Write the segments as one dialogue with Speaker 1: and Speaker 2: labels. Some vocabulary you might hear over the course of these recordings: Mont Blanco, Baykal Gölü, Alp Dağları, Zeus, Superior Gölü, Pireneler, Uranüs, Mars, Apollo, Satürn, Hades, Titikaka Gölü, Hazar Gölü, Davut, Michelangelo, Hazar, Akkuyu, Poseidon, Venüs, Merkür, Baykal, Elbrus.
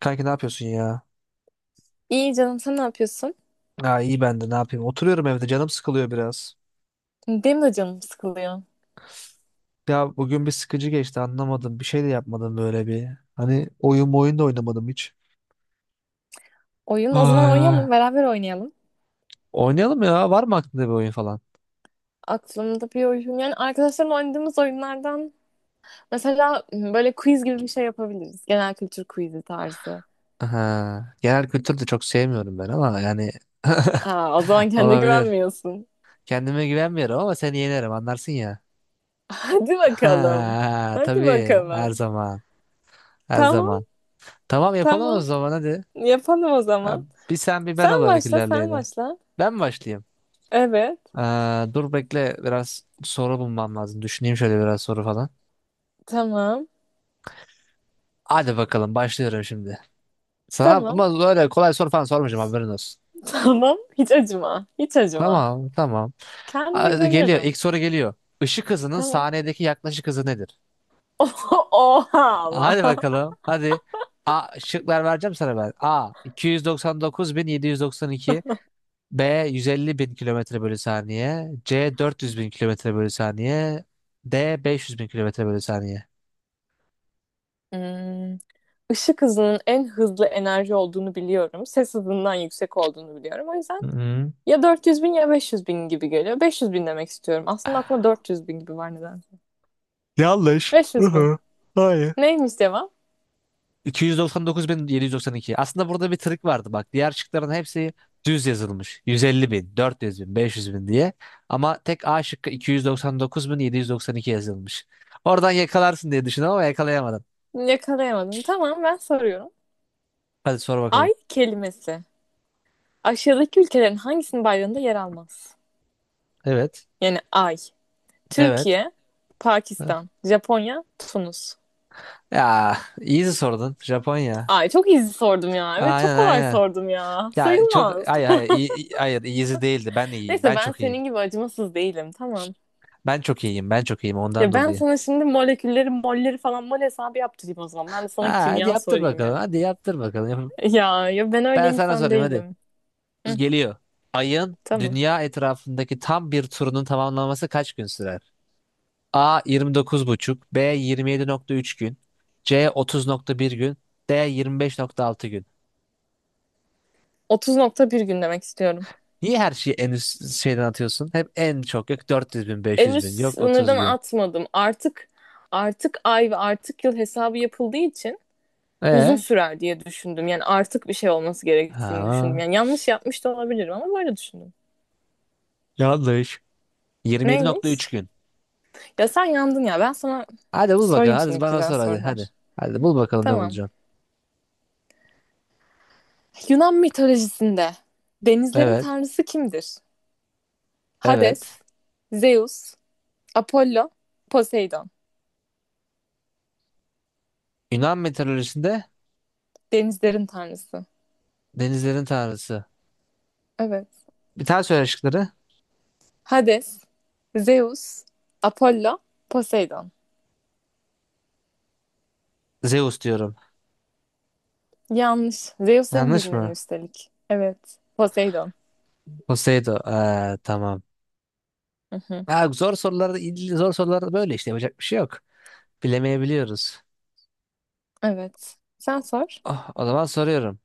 Speaker 1: Kanki ne yapıyorsun ya?
Speaker 2: İyi canım sen ne yapıyorsun?
Speaker 1: Ha iyi ben de ne yapayım? Oturuyorum evde canım sıkılıyor biraz.
Speaker 2: Benim de canım sıkılıyor.
Speaker 1: Ya bugün bir sıkıcı geçti anlamadım. Bir şey de yapmadım böyle bir. Hani oyun da oynamadım hiç.
Speaker 2: Oyun o
Speaker 1: Ay
Speaker 2: zaman
Speaker 1: ay.
Speaker 2: oynayalım beraber oynayalım.
Speaker 1: Oynayalım ya. Var mı aklında bir oyun falan?
Speaker 2: Aklımda bir oyun yani arkadaşlarla oynadığımız oyunlardan mesela böyle quiz gibi bir şey yapabiliriz. Genel kültür quizi tarzı.
Speaker 1: Aha. Genel kültür de çok sevmiyorum ben ama yani
Speaker 2: Aa, o zaman kendine
Speaker 1: olabilir.
Speaker 2: güvenmiyorsun.
Speaker 1: Kendime güvenmiyorum ama seni yenerim anlarsın ya.
Speaker 2: Hadi bakalım.
Speaker 1: Ha,
Speaker 2: Hadi
Speaker 1: tabii her
Speaker 2: bakalım.
Speaker 1: zaman. Her
Speaker 2: Tamam
Speaker 1: zaman. Tamam yapalım o
Speaker 2: tamam,
Speaker 1: zaman hadi.
Speaker 2: yapalım o
Speaker 1: Ha,
Speaker 2: zaman.
Speaker 1: bir sen bir ben
Speaker 2: Sen
Speaker 1: olarak
Speaker 2: başla, sen
Speaker 1: ilerleyelim.
Speaker 2: başla.
Speaker 1: Ben mi başlayayım?
Speaker 2: Evet,
Speaker 1: Dur bekle biraz soru bulmam lazım. Düşüneyim şöyle biraz soru falan.
Speaker 2: tamam
Speaker 1: Hadi bakalım başlıyorum şimdi. Sana
Speaker 2: tamam,
Speaker 1: ama öyle kolay soru falan sormayacağım haberin olsun.
Speaker 2: tamam, hiç acıma hiç acıma.
Speaker 1: Tamam tamam.
Speaker 2: Kendime
Speaker 1: Hadi geliyor
Speaker 2: güveniyorum.
Speaker 1: ilk soru geliyor. Işık hızının
Speaker 2: Tamam.
Speaker 1: saniyedeki yaklaşık hızı nedir?
Speaker 2: Oha
Speaker 1: Hadi
Speaker 2: ama.
Speaker 1: bakalım hadi. A, şıklar vereceğim sana ben. A 299.792, B 150.000 kilometre bölü saniye, C 400.000 kilometre bölü saniye, D 500.000 kilometre bölü saniye.
Speaker 2: Hmm. Işık hızının en hızlı enerji olduğunu biliyorum. Ses hızından yüksek olduğunu biliyorum. O yüzden
Speaker 1: Hı hı.
Speaker 2: ya 400 bin ya 500 bin gibi geliyor. 500 bin demek istiyorum. Aslında aklımda 400 bin gibi var nedense.
Speaker 1: Yanlış. Hı
Speaker 2: 500 bin.
Speaker 1: hı. Hayır.
Speaker 2: Neymiş cevap?
Speaker 1: 299.792. Aslında burada bir trik vardı bak. Diğer şıkların hepsi düz yazılmış. 150 bin, 400 bin, 500 bin diye. Ama tek A şıkkı 299.792 yazılmış. Oradan yakalarsın diye düşündüm ama yakalayamadın.
Speaker 2: Yakalayamadım. Tamam, ben soruyorum.
Speaker 1: Hadi sor bakalım.
Speaker 2: Ay kelimesi. Aşağıdaki ülkelerin hangisinin bayrağında yer almaz?
Speaker 1: Evet.
Speaker 2: Yani ay.
Speaker 1: Evet.
Speaker 2: Türkiye, Pakistan, Japonya, Tunus.
Speaker 1: Ya easy sordun. Japonya.
Speaker 2: Ay, çok easy sordum ya. Evet, çok
Speaker 1: Aynen
Speaker 2: kolay
Speaker 1: aynen.
Speaker 2: sordum ya.
Speaker 1: Ya çok
Speaker 2: Sayılmaz.
Speaker 1: hayır hayır hayır easy değildi. Ben iyiyim.
Speaker 2: Neyse,
Speaker 1: Ben
Speaker 2: ben
Speaker 1: çok iyiyim.
Speaker 2: senin gibi acımasız değilim, tamam.
Speaker 1: Ben çok iyiyim. Ben çok iyiyim ondan
Speaker 2: Ya ben
Speaker 1: dolayı.
Speaker 2: sana şimdi molekülleri, molleri falan mol hesabı yaptırayım o zaman. Ben de
Speaker 1: Ha,
Speaker 2: sana
Speaker 1: hadi
Speaker 2: kimya
Speaker 1: yaptır
Speaker 2: sorayım
Speaker 1: bakalım.
Speaker 2: ya. Ya ya, ben öyle
Speaker 1: Ben sana
Speaker 2: insan
Speaker 1: sorayım hadi.
Speaker 2: değilim. Hı,
Speaker 1: Geliyor. Ayın
Speaker 2: tamam.
Speaker 1: dünya etrafındaki tam bir turunun tamamlanması kaç gün sürer? A 29,5, B 27,3 gün, C 30,1 gün, D 25,6 gün.
Speaker 2: 30,1 gün demek istiyorum.
Speaker 1: Niye her şeyi en üst şeyden atıyorsun? Hep en çok yok 400 bin,
Speaker 2: En
Speaker 1: 500
Speaker 2: üst
Speaker 1: bin, yok 30
Speaker 2: sınırdan
Speaker 1: gün.
Speaker 2: atmadım. Artık ay ve artık yıl hesabı yapıldığı için uzun
Speaker 1: E?
Speaker 2: sürer diye düşündüm. Yani artık bir şey olması gerektiğini düşündüm.
Speaker 1: Ha,
Speaker 2: Yani yanlış yapmış da olabilirim ama böyle düşündüm.
Speaker 1: yanlış.
Speaker 2: Neymiş?
Speaker 1: 27,3 gün.
Speaker 2: Ya sen yandın ya. Ben sana
Speaker 1: Hadi bul bakalım.
Speaker 2: sorayım
Speaker 1: Hadi
Speaker 2: şimdi
Speaker 1: bana
Speaker 2: güzel
Speaker 1: sor hadi.
Speaker 2: sorular.
Speaker 1: Hadi. Hadi bul bakalım ne
Speaker 2: Tamam.
Speaker 1: bulacaksın.
Speaker 2: Yunan mitolojisinde denizlerin
Speaker 1: Evet.
Speaker 2: tanrısı kimdir?
Speaker 1: Evet.
Speaker 2: Hades, Zeus, Apollo, Poseidon.
Speaker 1: Yunan mitolojisinde
Speaker 2: Denizlerin tanrısı.
Speaker 1: denizlerin tanrısı.
Speaker 2: Evet.
Speaker 1: Bir tane söyle şıkları.
Speaker 2: Hades, Zeus, Apollo, Poseidon.
Speaker 1: Zeus diyorum.
Speaker 2: Yanlış. Zeus en
Speaker 1: Yanlış
Speaker 2: bilinen
Speaker 1: mı?
Speaker 2: üstelik. Evet. Poseidon.
Speaker 1: Poseidon. Tamam.
Speaker 2: Hı hı.
Speaker 1: Ha, zor sorularda böyle işte yapacak bir şey yok. Bilemeyebiliyoruz.
Speaker 2: Evet. Sen sor.
Speaker 1: Oh, o zaman soruyorum.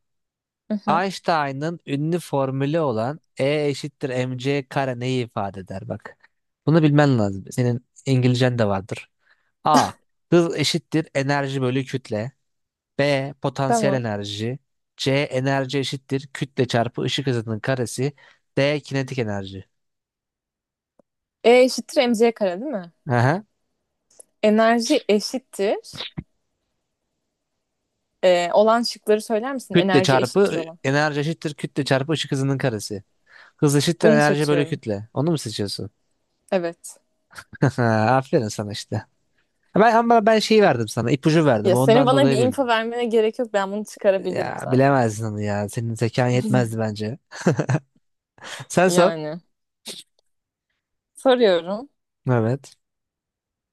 Speaker 2: Hı hı.
Speaker 1: Einstein'ın ünlü formülü olan E eşittir mc kare neyi ifade eder bak. Bunu bilmen lazım. Senin İngilizcen de vardır. A, hız eşittir enerji bölü kütle. B, potansiyel
Speaker 2: Tamam.
Speaker 1: enerji. C, enerji eşittir kütle çarpı ışık hızının karesi. D, kinetik enerji.
Speaker 2: E eşittir mc kare değil mi?
Speaker 1: Aha.
Speaker 2: Enerji eşittir. E, olan şıkları söyler misin?
Speaker 1: Kütle
Speaker 2: Enerji eşittir
Speaker 1: çarpı
Speaker 2: olan.
Speaker 1: Enerji eşittir kütle çarpı ışık hızının karesi. Hız eşittir
Speaker 2: Bunu
Speaker 1: enerji bölü
Speaker 2: seçiyorum.
Speaker 1: kütle. Onu mu seçiyorsun?
Speaker 2: Evet.
Speaker 1: Aferin sana işte. Ama ben şeyi verdim sana. İpucu verdim.
Speaker 2: Ya senin
Speaker 1: Ondan
Speaker 2: bana
Speaker 1: dolayı
Speaker 2: bir info
Speaker 1: bildin.
Speaker 2: vermene gerek yok. Ben bunu çıkarabilirim
Speaker 1: Ya
Speaker 2: zaten.
Speaker 1: bilemezdin onu ya. Senin zekan yetmezdi bence. Sen sor.
Speaker 2: Yani soruyorum.
Speaker 1: Evet.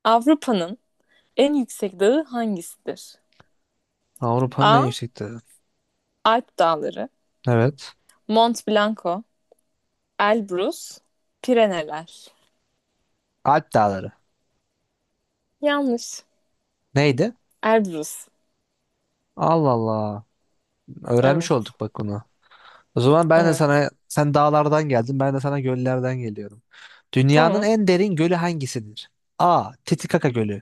Speaker 2: Avrupa'nın en yüksek dağı hangisidir?
Speaker 1: Avrupa'nın en
Speaker 2: A.
Speaker 1: yüksek dağı.
Speaker 2: Alp Dağları,
Speaker 1: Evet.
Speaker 2: Mont Blanco, Elbrus, Pireneler.
Speaker 1: Alp Dağları.
Speaker 2: Yanlış.
Speaker 1: Neydi?
Speaker 2: Elbrus.
Speaker 1: Allah Allah. Öğrenmiş
Speaker 2: Evet.
Speaker 1: olduk bak bunu. O zaman ben de
Speaker 2: Evet.
Speaker 1: sana, sen dağlardan geldin, ben de sana göllerden geliyorum. Dünyanın
Speaker 2: Tamam.
Speaker 1: en derin gölü hangisidir? A, Titikaka Gölü.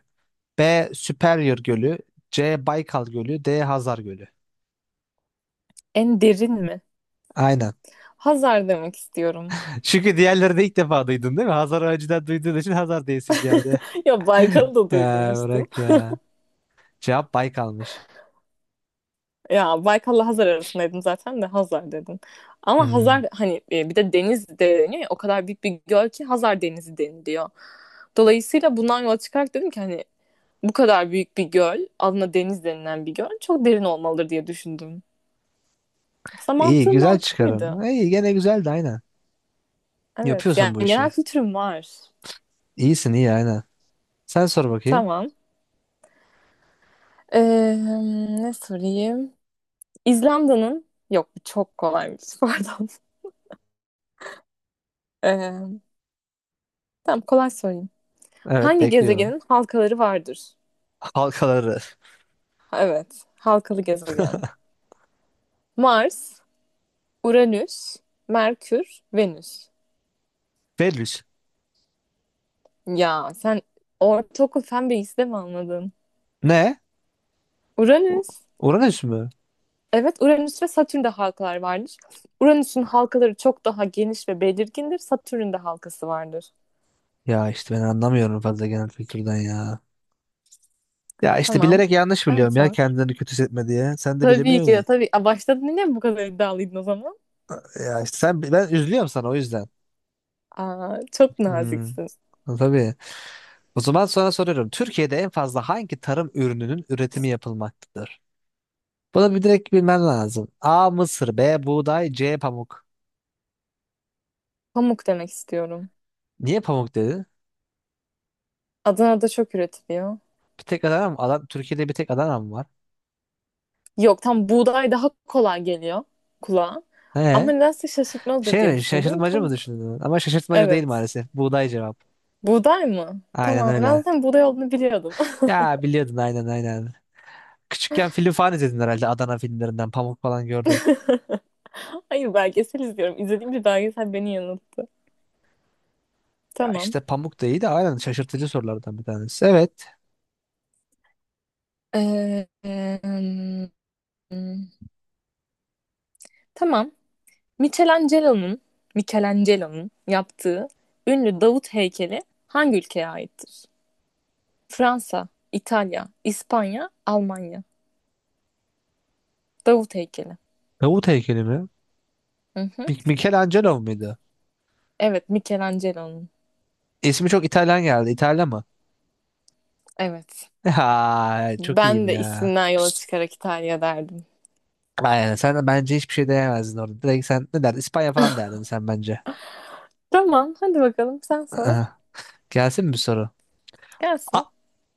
Speaker 1: B, Superior Gölü. C, Baykal Gölü. D, Hazar Gölü.
Speaker 2: En derin mi?
Speaker 1: Aynen.
Speaker 2: Hazar demek istiyorum.
Speaker 1: Çünkü diğerleri de ilk defa duydun değil mi? Hazar önceden duyduğun için Hazar diyesin geldi.
Speaker 2: Ya Baykal'ı da
Speaker 1: Ya
Speaker 2: duymuştum.
Speaker 1: bırak ya. Cevap Baykal'mış.
Speaker 2: Ya Baykal'la Hazar arasındaydım zaten de Hazar dedim. Ama
Speaker 1: Hmm.
Speaker 2: Hazar hani bir de deniz de deniyor ya, o kadar büyük bir göl ki Hazar Denizi deniliyor. Dolayısıyla bundan yola çıkarak dedim ki hani bu kadar büyük bir göl adına deniz denilen bir göl çok derin olmalıdır diye düşündüm. Aslında
Speaker 1: İyi,
Speaker 2: mantığım
Speaker 1: güzel çıkarım.
Speaker 2: mantıklıydı.
Speaker 1: İyi, gene güzeldi aynen.
Speaker 2: Evet, yani
Speaker 1: Yapıyorsun bu
Speaker 2: genel
Speaker 1: işi.
Speaker 2: kültürüm var.
Speaker 1: İyisin iyi aynen. Sen sor bakayım.
Speaker 2: Tamam. Ee, ne sorayım? İzlanda'nın yok, bu çok kolaymış, pardon. Ee, tamam, kolay sorayım.
Speaker 1: Evet
Speaker 2: Hangi
Speaker 1: bekliyorum.
Speaker 2: gezegenin halkaları vardır?
Speaker 1: Halkaları.
Speaker 2: Evet. Halkalı gezegen. Mars, Uranüs, Merkür, Venüs.
Speaker 1: Venüs.
Speaker 2: Ya sen ortaokul fen bilgisi de mi anladın?
Speaker 1: Ne? U-
Speaker 2: Uranüs.
Speaker 1: Uranüs mü?
Speaker 2: Evet, Uranüs ve Satürn'de halkalar vardır. Uranüs'ün halkaları çok daha geniş ve belirgindir. Satürn'ün de halkası vardır.
Speaker 1: Ya işte ben anlamıyorum fazla genel kültürden ya. Ya işte
Speaker 2: Tamam.
Speaker 1: bilerek yanlış
Speaker 2: Sen
Speaker 1: biliyorum ya
Speaker 2: sor.
Speaker 1: kendini kötü hissetme diye. Sen de
Speaker 2: Tabii
Speaker 1: bilemiyorsun
Speaker 2: ki de
Speaker 1: ya.
Speaker 2: tabii. Aa, başladın yine mi, bu kadar iddialıydın o zaman?
Speaker 1: Ya işte ben üzülüyorum sana o yüzden.
Speaker 2: Aa, çok
Speaker 1: Hmm.
Speaker 2: naziksin.
Speaker 1: Tabii. O zaman sonra soruyorum. Türkiye'de en fazla hangi tarım ürününün üretimi yapılmaktadır? Bunu bir direkt bilmen lazım. A, mısır. B, buğday. C, pamuk.
Speaker 2: Pamuk demek istiyorum.
Speaker 1: Niye pamuk dedi?
Speaker 2: Adana'da çok üretiliyor.
Speaker 1: Bir tek Adana mı? Adam, Türkiye'de bir tek Adana mı var?
Speaker 2: Yok, tam buğday daha kolay geliyor kulağa. Ama
Speaker 1: He?
Speaker 2: nedense şaşırtmalıdır
Speaker 1: Şey
Speaker 2: diye
Speaker 1: mi?
Speaker 2: düşündüm.
Speaker 1: Şaşırtmacı mı
Speaker 2: Pamuk.
Speaker 1: düşündün? Ama şaşırtmacı değil
Speaker 2: Evet.
Speaker 1: maalesef. Buğday cevap.
Speaker 2: Buğday mı?
Speaker 1: Aynen
Speaker 2: Tamam, ben
Speaker 1: öyle.
Speaker 2: zaten buğday olduğunu biliyordum.
Speaker 1: Ya biliyordun aynen aynen. Küçükken film falan izledin herhalde Adana filmlerinden. Pamuk falan gördün.
Speaker 2: Hayır, belgesel izliyorum. İzlediğim bir belgesel beni yanılttı.
Speaker 1: Ya
Speaker 2: Tamam.
Speaker 1: işte pamuk da iyi de aynen şaşırtıcı sorulardan bir tanesi. Evet.
Speaker 2: Ee, em, tamam. Michelangelo'nun Michelangelo'nun yaptığı ünlü Davut heykeli hangi ülkeye aittir? Fransa, İtalya, İspanya, Almanya. Davut heykeli.
Speaker 1: Davut heykeli mi?
Speaker 2: Hı hı.
Speaker 1: Michelangelo muydu?
Speaker 2: Evet, Michelangelo'nun.
Speaker 1: İsmi çok İtalyan geldi. İtalyan mı?
Speaker 2: Evet.
Speaker 1: Ha, çok iyiyim
Speaker 2: Ben de
Speaker 1: ya.
Speaker 2: isminden yola çıkarak İtalya derdim.
Speaker 1: Aynen sen de bence hiçbir şey diyemezdin orada. Direkt sen ne derdin? İspanya falan derdin sen bence.
Speaker 2: Tamam, hadi bakalım sen sor.
Speaker 1: Aa, gelsin mi bir soru? A,
Speaker 2: Gelsin.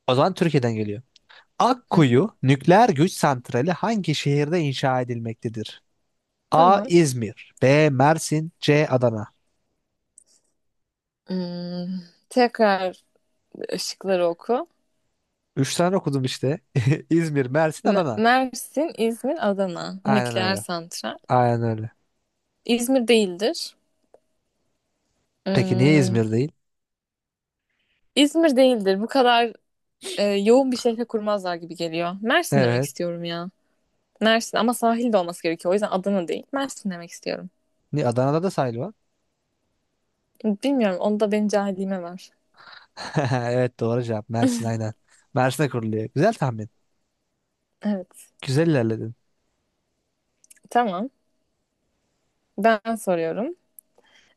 Speaker 1: o zaman Türkiye'den geliyor.
Speaker 2: Hı,
Speaker 1: Akkuyu nükleer güç santrali hangi şehirde inşa edilmektedir? A,
Speaker 2: tamam.
Speaker 1: İzmir. B, Mersin. C, Adana.
Speaker 2: Hmm, tekrar ışıkları oku.
Speaker 1: Üç tane okudum işte. İzmir, Mersin, Adana.
Speaker 2: Mersin, İzmir, Adana.
Speaker 1: Aynen
Speaker 2: Nükleer
Speaker 1: öyle.
Speaker 2: santral.
Speaker 1: Aynen öyle.
Speaker 2: İzmir değildir.
Speaker 1: Peki niye
Speaker 2: Hmm,
Speaker 1: İzmir değil?
Speaker 2: İzmir değildir. Bu kadar yoğun bir şehre kurmazlar gibi geliyor. Mersin demek
Speaker 1: Evet.
Speaker 2: istiyorum ya. Mersin ama sahil de olması gerekiyor. O yüzden Adana değil. Mersin demek istiyorum.
Speaker 1: Ni Adana'da da sahil var.
Speaker 2: Bilmiyorum. Onu da benim cahilliğime var.
Speaker 1: Evet doğru cevap. Mersin aynen. Mersin'e kuruluyor. Güzel tahmin.
Speaker 2: Evet.
Speaker 1: Güzel ilerledin.
Speaker 2: Tamam. Ben soruyorum.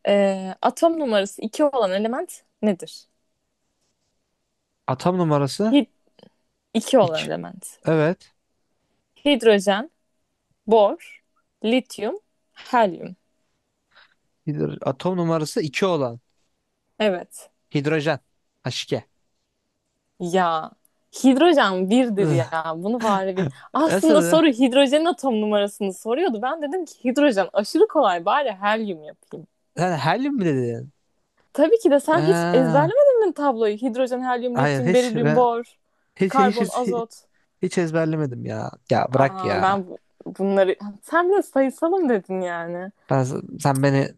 Speaker 2: Atom numarası 2 olan element nedir?
Speaker 1: Atom numarası
Speaker 2: Hi 2 olan
Speaker 1: 2.
Speaker 2: element.
Speaker 1: Evet.
Speaker 2: Hidrojen, bor, lityum, helyum.
Speaker 1: Atom numarası 2 olan.
Speaker 2: Evet.
Speaker 1: Hidrojen. H2.
Speaker 2: Ya hidrojen birdir ya. Bunu bari bir... Aslında
Speaker 1: Nasıl?
Speaker 2: soru hidrojenin atom numarasını soruyordu. Ben dedim ki hidrojen aşırı kolay, bari helyum yapayım.
Speaker 1: Sen helyum mi dedin?
Speaker 2: Tabii ki de, sen hiç
Speaker 1: Aa,
Speaker 2: ezberlemedin mi tabloyu? Hidrojen, helyum,
Speaker 1: hayır
Speaker 2: lityum,
Speaker 1: hiç,
Speaker 2: berilyum,
Speaker 1: ben,
Speaker 2: bor,
Speaker 1: hiç, hiç,
Speaker 2: karbon,
Speaker 1: hiç,
Speaker 2: azot.
Speaker 1: hiç ezberlemedim ya. Ya bırak
Speaker 2: Aa,
Speaker 1: ya.
Speaker 2: bunları... Sen bile sayısalım dedin yani.
Speaker 1: Ben, sen beni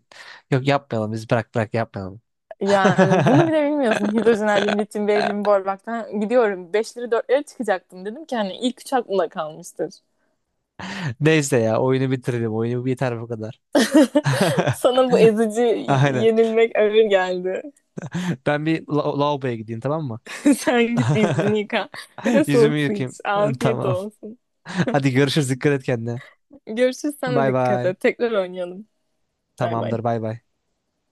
Speaker 1: yok yapmayalım biz bırak yapmayalım.
Speaker 2: Yani bunu bile bilmiyorsun. Hidrojen, helyum, lityum, berilyum, borbaktan gidiyorum. Beşleri dörtleri çıkacaktım. Dedim ki hani ilk üç aklımda kalmıştır.
Speaker 1: Neyse ya oyunu bitirelim. Oyunu biter bu kadar.
Speaker 2: Sana bu ezici
Speaker 1: Aynen.
Speaker 2: yenilmek ağır geldi.
Speaker 1: Ben bir lavaboya gideyim tamam mı?
Speaker 2: Sen git bir yüzünü yıka. Bir de
Speaker 1: Yüzümü
Speaker 2: soğuk su iç.
Speaker 1: yıkayayım.
Speaker 2: Afiyet
Speaker 1: Tamam.
Speaker 2: olsun.
Speaker 1: Hadi görüşürüz. Dikkat et kendine.
Speaker 2: Görüşürüz, sana
Speaker 1: Bay
Speaker 2: dikkat
Speaker 1: bay.
Speaker 2: et. Tekrar oynayalım. Bay bay.
Speaker 1: Tamamdır bay bay.